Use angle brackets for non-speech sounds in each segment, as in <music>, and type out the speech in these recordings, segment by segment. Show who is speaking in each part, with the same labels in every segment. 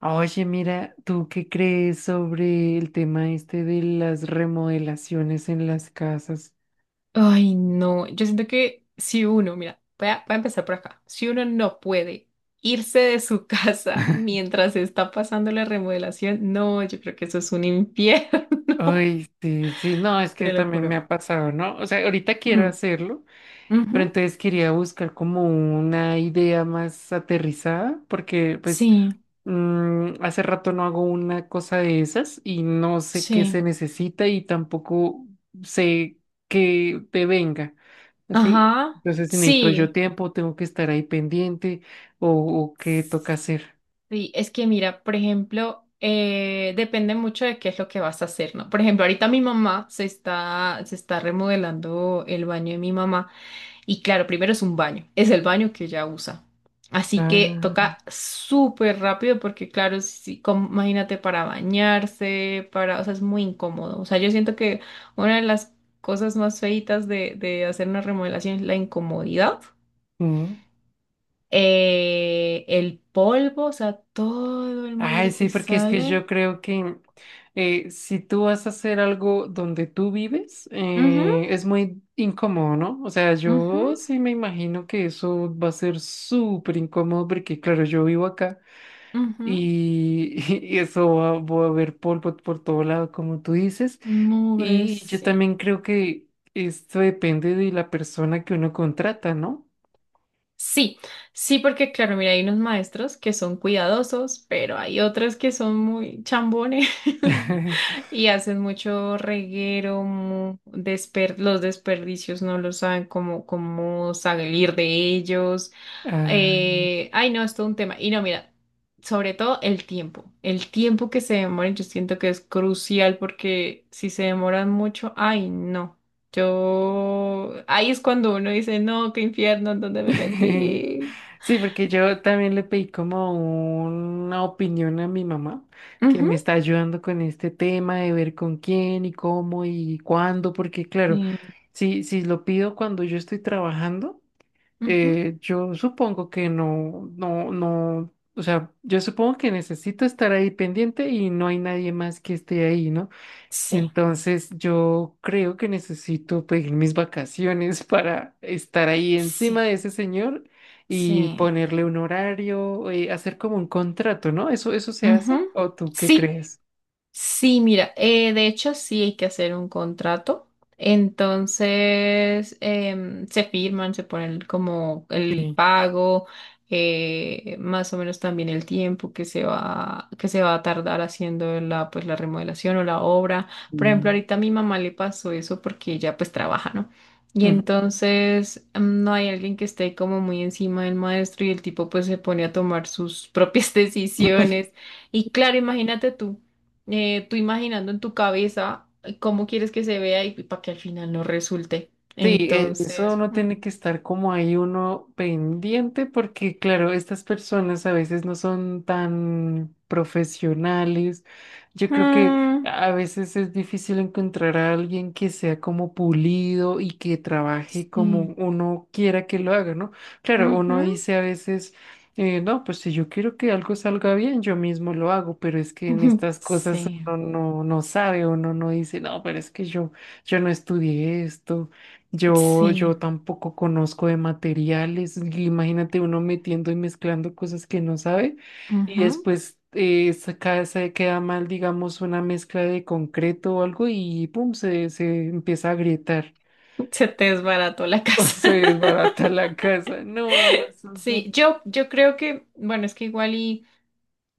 Speaker 1: Oye, mira, ¿tú qué crees sobre el tema este de las remodelaciones en las casas?
Speaker 2: Ay, no, yo siento que si uno, mira, voy a empezar por acá, si uno no puede irse de su <laughs> casa mientras está pasando la remodelación, no, yo creo que eso es un infierno,
Speaker 1: Ay,
Speaker 2: <laughs>
Speaker 1: sí, sí, no, es que
Speaker 2: te lo
Speaker 1: también me
Speaker 2: juro.
Speaker 1: ha pasado, ¿no? O sea, ahorita quiero
Speaker 2: Mm,
Speaker 1: hacerlo, pero
Speaker 2: ujú.
Speaker 1: entonces quería buscar como una idea más aterrizada, porque pues
Speaker 2: Sí,
Speaker 1: hace rato no hago una cosa de esas y no sé qué
Speaker 2: sí,
Speaker 1: se necesita y tampoco sé qué te venga. Sí,
Speaker 2: ajá,
Speaker 1: entonces si necesito yo
Speaker 2: sí,
Speaker 1: tiempo, tengo que estar ahí pendiente o, o qué toca hacer.
Speaker 2: sí, es que mira, por ejemplo, depende mucho de qué es lo que vas a hacer, ¿no? Por ejemplo, ahorita mi mamá se está remodelando el baño de mi mamá. Y claro, primero es un baño, es el baño que ella usa. Así que
Speaker 1: Ah,
Speaker 2: toca súper rápido porque claro, si, si, com- imagínate para bañarse, para, o sea, es muy incómodo. O sea, yo siento que una de las cosas más feitas de, hacer una remodelación es la incomodidad.
Speaker 1: mm.
Speaker 2: El polvo, o sea, todo el
Speaker 1: Ay,
Speaker 2: mugre
Speaker 1: sí,
Speaker 2: que
Speaker 1: porque es que
Speaker 2: sale.
Speaker 1: yo creo que si tú vas a hacer algo donde tú vives,
Speaker 2: Ujú,
Speaker 1: es muy incómodo, ¿no? O sea,
Speaker 2: ujú,
Speaker 1: yo sí me imagino que eso va a ser súper incómodo porque, claro, yo vivo acá
Speaker 2: ujú.
Speaker 1: y, <laughs> y eso va a haber polvo por todo lado, como tú dices.
Speaker 2: Mugre,
Speaker 1: Y yo
Speaker 2: sí.
Speaker 1: también creo que esto depende de la persona que uno contrata, ¿no?
Speaker 2: Sí, sí, porque claro, mira, hay unos maestros que son cuidadosos, pero hay otros que son muy chambones. <laughs>
Speaker 1: <laughs>
Speaker 2: Y hacen mucho reguero, los desperdicios no lo saben cómo, salir de ellos.
Speaker 1: Ah,
Speaker 2: Ay, no, es todo un tema. Y no, mira, sobre todo el tiempo. El tiempo que se demoran, yo siento que es crucial porque si se demoran mucho, ay, no. Yo, ahí es cuando uno dice, no, qué infierno, ¿en dónde me
Speaker 1: <laughs>
Speaker 2: metí?
Speaker 1: Sí, porque yo también le pedí como una opinión a mi mamá, que me
Speaker 2: Ujú.
Speaker 1: está ayudando con este tema de ver con quién y cómo y cuándo, porque claro,
Speaker 2: Sí,
Speaker 1: si lo pido cuando yo estoy trabajando,
Speaker 2: ujú.
Speaker 1: yo supongo que no, no, no, o sea, yo supongo que necesito estar ahí pendiente y no hay nadie más que esté ahí, ¿no?
Speaker 2: Sí,
Speaker 1: Entonces yo creo que necesito pedir mis vacaciones para estar ahí
Speaker 2: sí,
Speaker 1: encima de ese señor y
Speaker 2: sí.
Speaker 1: ponerle un horario, hacer como un contrato, ¿no? ¿Eso se hace?
Speaker 2: Ujú.
Speaker 1: ¿O tú qué
Speaker 2: Sí.
Speaker 1: crees?
Speaker 2: Sí, mira, de hecho sí hay que hacer un contrato. Entonces se firman, se ponen como el
Speaker 1: Sí.
Speaker 2: pago, más o menos también el tiempo que se va a tardar haciendo la, pues, la remodelación o la obra. Por ejemplo,
Speaker 1: Mm.
Speaker 2: ahorita a mi mamá le pasó eso porque ella pues trabaja, ¿no? Y
Speaker 1: Ujú.
Speaker 2: entonces no hay alguien que esté como muy encima del maestro y el tipo pues se pone a tomar sus propias <laughs> decisiones. Y claro, imagínate tú imaginando en tu cabeza cómo quieres que se vea y para que al final no resulte.
Speaker 1: Sí, eso
Speaker 2: Entonces,
Speaker 1: uno
Speaker 2: ujú,
Speaker 1: tiene que estar como ahí uno pendiente porque claro, estas personas a veces no son tan profesionales. Yo creo que a veces es difícil encontrar a alguien que sea como pulido y que trabaje como
Speaker 2: sí,
Speaker 1: uno quiera que lo haga, ¿no? Claro,
Speaker 2: ujú,
Speaker 1: uno dice a veces, no, pues si yo quiero que algo salga bien, yo mismo lo hago, pero es que en
Speaker 2: <laughs>
Speaker 1: estas cosas
Speaker 2: sí,
Speaker 1: uno no sabe, uno no dice, no, pero es que yo no estudié esto. Yo,
Speaker 2: sí,
Speaker 1: yo tampoco conozco de materiales. Imagínate uno metiendo y mezclando cosas que no sabe y
Speaker 2: ujú.
Speaker 1: después se queda mal, digamos, una mezcla de concreto o algo y pum, se empieza a agrietar
Speaker 2: Se te desbarató la
Speaker 1: <laughs> o
Speaker 2: casa.
Speaker 1: se
Speaker 2: <laughs>
Speaker 1: desbarata la casa. No, eso es
Speaker 2: Sí,
Speaker 1: un-
Speaker 2: yo creo que, bueno, es que igual y.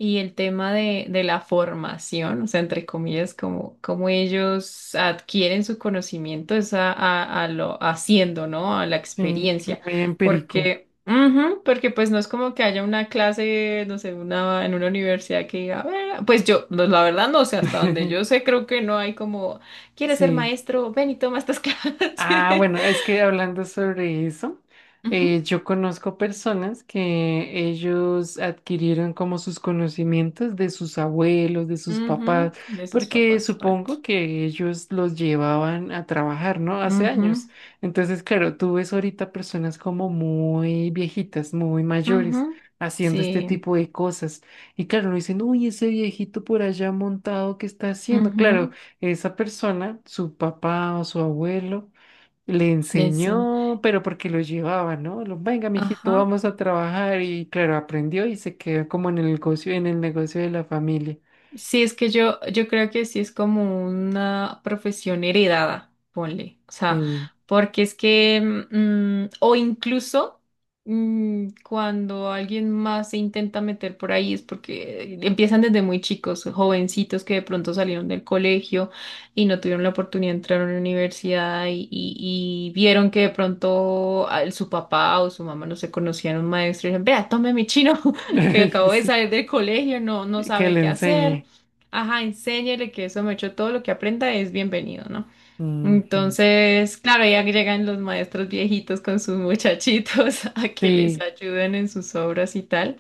Speaker 2: Y el tema de, la formación, o sea, entre comillas, como, ellos adquieren su conocimiento es a, lo haciendo, ¿no? A la
Speaker 1: sí,
Speaker 2: experiencia.
Speaker 1: muy empírico.
Speaker 2: Porque, ujú, porque pues no es como que haya una clase, no sé, en una universidad que diga, "A ver", pues yo, no, la verdad no sé, hasta donde yo
Speaker 1: <laughs>
Speaker 2: sé, creo que no hay como, ¿quieres ser
Speaker 1: Sí.
Speaker 2: maestro? Ven y toma estas <laughs>
Speaker 1: Ah,
Speaker 2: clases.
Speaker 1: bueno, es que hablando sobre eso,
Speaker 2: Ujú,
Speaker 1: yo conozco personas que ellos adquirieron como sus conocimientos de sus abuelos, de sus
Speaker 2: ujú,
Speaker 1: papás,
Speaker 2: de sus
Speaker 1: porque
Speaker 2: papás, exacto.
Speaker 1: supongo que ellos los llevaban a trabajar, ¿no? Hace
Speaker 2: Ujú,
Speaker 1: años. Entonces, claro, tú ves ahorita personas como muy viejitas, muy mayores,
Speaker 2: ujú,
Speaker 1: haciendo este
Speaker 2: sí.
Speaker 1: tipo de cosas. Y claro, no dicen, uy, ese viejito por allá montado, ¿qué está haciendo? Claro,
Speaker 2: Ujú.
Speaker 1: esa persona, su papá o su abuelo le
Speaker 2: Le enseña.
Speaker 1: enseñó, pero porque lo llevaba, ¿no? Venga, mijito,
Speaker 2: Ajá.
Speaker 1: vamos a trabajar. Y claro, aprendió y se quedó como en el negocio de la familia.
Speaker 2: Sí, es que yo creo que sí es como una profesión heredada, ponle. O sea,
Speaker 1: Sí.
Speaker 2: porque es que, o incluso cuando alguien más se intenta meter por ahí es porque empiezan desde muy chicos, jovencitos que de pronto salieron del colegio y no tuvieron la oportunidad de entrar a una universidad y vieron que de pronto su papá o su mamá no se conocían, un maestro y dijeron, vea, tome mi chino <laughs> que acabo de
Speaker 1: <laughs>
Speaker 2: salir del colegio, no, no
Speaker 1: Sí, que
Speaker 2: sabe
Speaker 1: le
Speaker 2: qué hacer.
Speaker 1: enseñe.
Speaker 2: Ajá, enséñele que eso me echó todo lo que aprenda es bienvenido, ¿no?
Speaker 1: Ujú.
Speaker 2: Entonces, claro, ya llegan los maestros viejitos con sus muchachitos <laughs> a que les
Speaker 1: Sí,
Speaker 2: ayuden en sus obras y tal.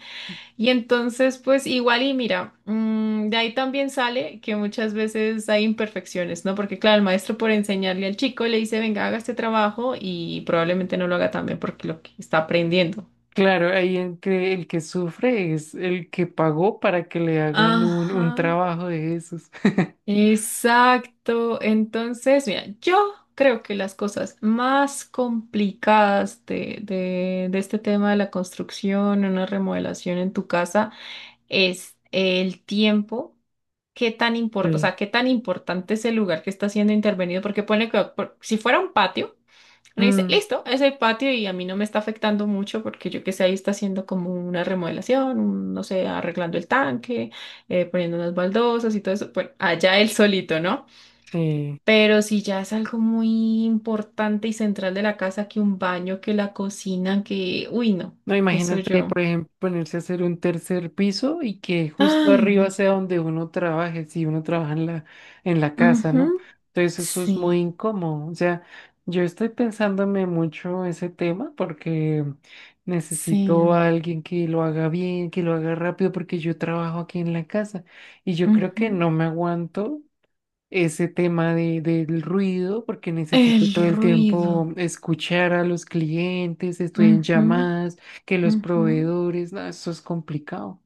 Speaker 2: Y entonces, pues igual y mira, de ahí también sale que muchas veces hay imperfecciones, ¿no? Porque claro, el maestro por enseñarle al chico le dice, venga, haga este trabajo y probablemente no lo haga tan bien porque lo que está aprendiendo.
Speaker 1: claro, ahí en que el que sufre es el que pagó para que le hagan
Speaker 2: Ajá.
Speaker 1: un trabajo de esos. <laughs>
Speaker 2: Exacto. Entonces, mira, yo creo que las cosas más complicadas de, este tema de la construcción, una remodelación en tu casa, es el tiempo. ¿Qué tan o
Speaker 1: Sí.
Speaker 2: sea, qué tan importante es el lugar que está siendo intervenido? Porque pone que si fuera un patio. Uno dice,
Speaker 1: Mm,
Speaker 2: listo, es el patio y a mí no me está afectando mucho porque yo que sé, ahí está haciendo como una remodelación, no sé, arreglando el tanque, poniendo unas baldosas y todo eso. Bueno, allá él solito, ¿no?
Speaker 1: sí.
Speaker 2: Pero si ya es algo muy importante y central de la casa, que un baño, que la cocina, que. Uy, no,
Speaker 1: No,
Speaker 2: eso
Speaker 1: imagínate,
Speaker 2: yo.
Speaker 1: por ejemplo, ponerse a hacer un tercer piso y que justo
Speaker 2: Ay,
Speaker 1: arriba
Speaker 2: no.
Speaker 1: sea donde uno trabaje, si uno trabaja en la, casa, ¿no?
Speaker 2: Ujú,
Speaker 1: Entonces eso es
Speaker 2: sí,
Speaker 1: muy incómodo. O sea, yo estoy pensándome mucho ese tema porque
Speaker 2: sí.
Speaker 1: necesito a alguien que lo haga bien, que lo haga rápido, porque yo trabajo aquí en la casa y yo creo que
Speaker 2: Ujú.
Speaker 1: no me aguanto ese tema de, del ruido, porque necesito
Speaker 2: El
Speaker 1: todo el
Speaker 2: ruido.
Speaker 1: tiempo escuchar a los clientes, estoy en
Speaker 2: Ujú,
Speaker 1: llamadas, que los
Speaker 2: ujú.
Speaker 1: proveedores, no, eso es complicado.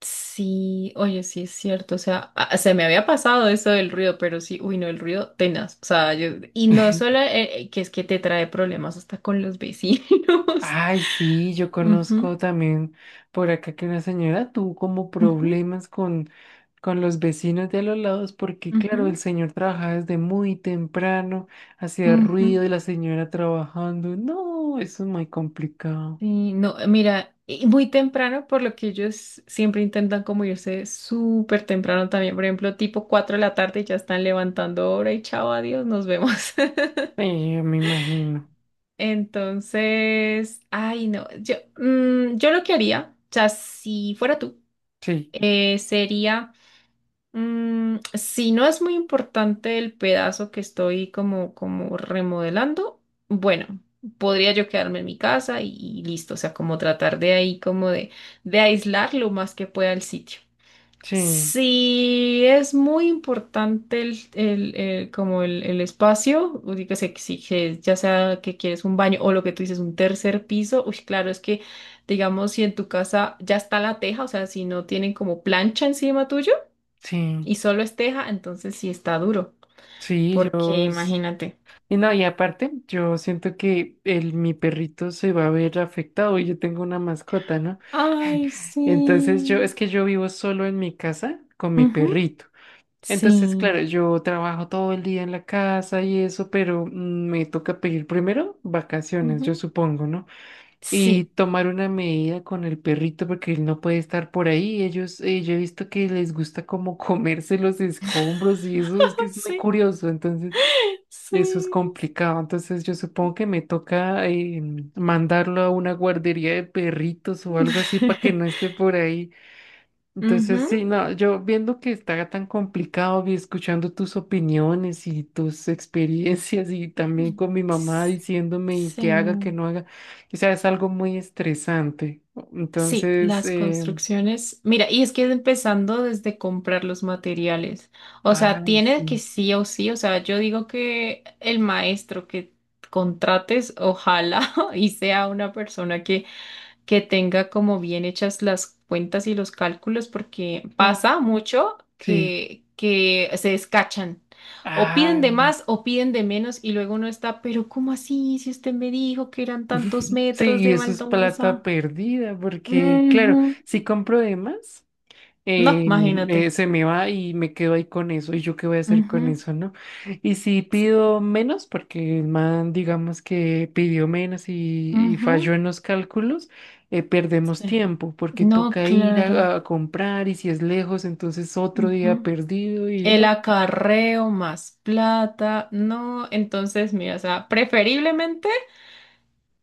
Speaker 2: Sí, oye, sí es cierto, o sea, se me había pasado eso del ruido, pero sí, uy, no, el ruido tenaz, o sea, yo, y no solo que es que te trae problemas hasta con los vecinos.
Speaker 1: Ay, sí, yo
Speaker 2: <laughs> Ujú,
Speaker 1: conozco también por acá que una señora tuvo como
Speaker 2: ujú,
Speaker 1: problemas con los vecinos de a los lados, porque claro, el
Speaker 2: ujú,
Speaker 1: señor trabajaba desde muy temprano, hacía
Speaker 2: ujú.
Speaker 1: ruido y la señora trabajando. No, eso es muy complicado.
Speaker 2: Sí, no, mira, y muy temprano, por lo que ellos siempre intentan como irse súper temprano también, por ejemplo, tipo 4 de la tarde ya están levantando hora y chao, adiós, nos vemos. <laughs>
Speaker 1: Sí, yo me imagino.
Speaker 2: Entonces, ay, no, yo lo que haría, o sea, si fuera tú,
Speaker 1: Sí,
Speaker 2: sería, si no es muy importante el pedazo que estoy como, remodelando, bueno, podría yo quedarme en mi casa y listo, o sea, como tratar de ahí, como de, aislar lo más que pueda el sitio.
Speaker 1: sí,
Speaker 2: Sí, es muy importante el espacio, uy, que se exige, ya sea que quieres un baño o lo que tú dices, un tercer piso. Uy, claro, es que, digamos, si en tu casa ya está la teja, o sea, si no tienen como plancha encima tuyo
Speaker 1: sí.
Speaker 2: y solo es teja, entonces sí está duro,
Speaker 1: Sí,
Speaker 2: porque
Speaker 1: yo... es-
Speaker 2: imagínate.
Speaker 1: Y no, y aparte, yo siento que el, mi perrito se va a ver afectado y yo tengo una mascota, ¿no? <laughs>
Speaker 2: Ay,
Speaker 1: Entonces yo,
Speaker 2: sí.
Speaker 1: es que yo vivo solo en mi casa con mi
Speaker 2: Ujú,
Speaker 1: perrito. Entonces,
Speaker 2: sí.
Speaker 1: claro, yo trabajo todo el día en la casa y eso, pero me toca pedir primero vacaciones, yo
Speaker 2: Ujú,
Speaker 1: supongo, ¿no? Y
Speaker 2: sí.
Speaker 1: tomar una medida con el perrito porque él no puede estar por ahí. Ellos, yo he visto que les gusta como <laughs> comerse los escombros y eso es que
Speaker 2: <laughs>
Speaker 1: es muy
Speaker 2: Sí,
Speaker 1: curioso. Entonces... Eso es
Speaker 2: sí.
Speaker 1: complicado, entonces yo supongo que me toca mandarlo a una guardería de perritos o algo así para que no
Speaker 2: <laughs>
Speaker 1: esté por ahí. Entonces,
Speaker 2: Ujú.
Speaker 1: sí, no, yo viendo que está tan complicado y escuchando tus opiniones y tus experiencias y también
Speaker 2: Mm.
Speaker 1: con mi mamá diciéndome y que haga, que
Speaker 2: Sí,
Speaker 1: no haga, o sea, es algo muy estresante.
Speaker 2: sí,
Speaker 1: Entonces,
Speaker 2: las construcciones. Mira, y es que empezando desde comprar los materiales. O sea,
Speaker 1: ay,
Speaker 2: tiene que
Speaker 1: sí,
Speaker 2: sí o sí. O sea, yo digo que el maestro que contrates, ojalá <laughs> y sea una persona que tenga como bien hechas las cuentas y los cálculos, porque
Speaker 1: mm,
Speaker 2: pasa mucho
Speaker 1: sí,
Speaker 2: que se descachan. O piden de
Speaker 1: ah,
Speaker 2: más o piden de menos y luego uno está, pero ¿cómo así? Si usted me dijo que eran tantos
Speaker 1: <laughs> sí,
Speaker 2: metros
Speaker 1: y
Speaker 2: de
Speaker 1: eso es plata
Speaker 2: baldosa.
Speaker 1: perdida, porque claro,
Speaker 2: Ujú.
Speaker 1: si compro de más,
Speaker 2: No, imagínate.
Speaker 1: se me va y me quedo ahí con eso, y yo qué voy a hacer con
Speaker 2: Ujú.
Speaker 1: eso, ¿no? Y si
Speaker 2: Sí.
Speaker 1: pido menos, porque el man, digamos que pidió menos y falló
Speaker 2: Ujú.
Speaker 1: en los cálculos, perdemos
Speaker 2: Sí.
Speaker 1: tiempo, porque
Speaker 2: No,
Speaker 1: toca ir
Speaker 2: claro.
Speaker 1: a, comprar, y si es lejos, entonces otro día
Speaker 2: Ujú.
Speaker 1: perdido y
Speaker 2: El
Speaker 1: no.
Speaker 2: acarreo más plata, no, entonces, mira, o sea, preferiblemente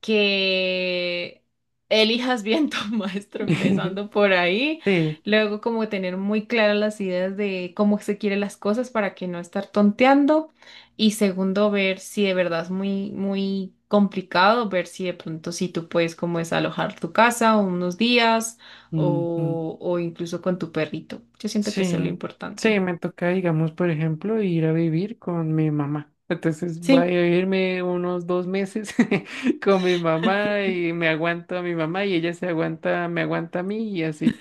Speaker 2: que elijas bien tu <laughs> maestro
Speaker 1: <laughs>
Speaker 2: empezando por ahí,
Speaker 1: Sí.
Speaker 2: luego como tener muy claras las ideas de cómo se quiere las cosas para que no estar tonteando, y segundo ver si de verdad es muy muy complicado, ver si de pronto si tú puedes como desalojar tu casa unos días,
Speaker 1: Ujú.
Speaker 2: o incluso con tu perrito, yo siento que eso es lo
Speaker 1: Sí, sí,
Speaker 2: importante.
Speaker 1: me toca, digamos, por ejemplo, ir a vivir con mi mamá. Entonces voy a
Speaker 2: Sí,
Speaker 1: vivirme unos 2 meses <laughs> con mi mamá y me aguanto a mi mamá y ella se aguanta, me aguanta a mí y así.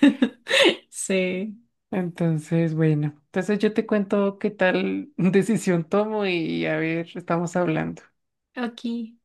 Speaker 2: sé
Speaker 1: Entonces, bueno, entonces yo te cuento qué tal <laughs> decisión tomo y a ver, estamos hablando.
Speaker 2: aquí.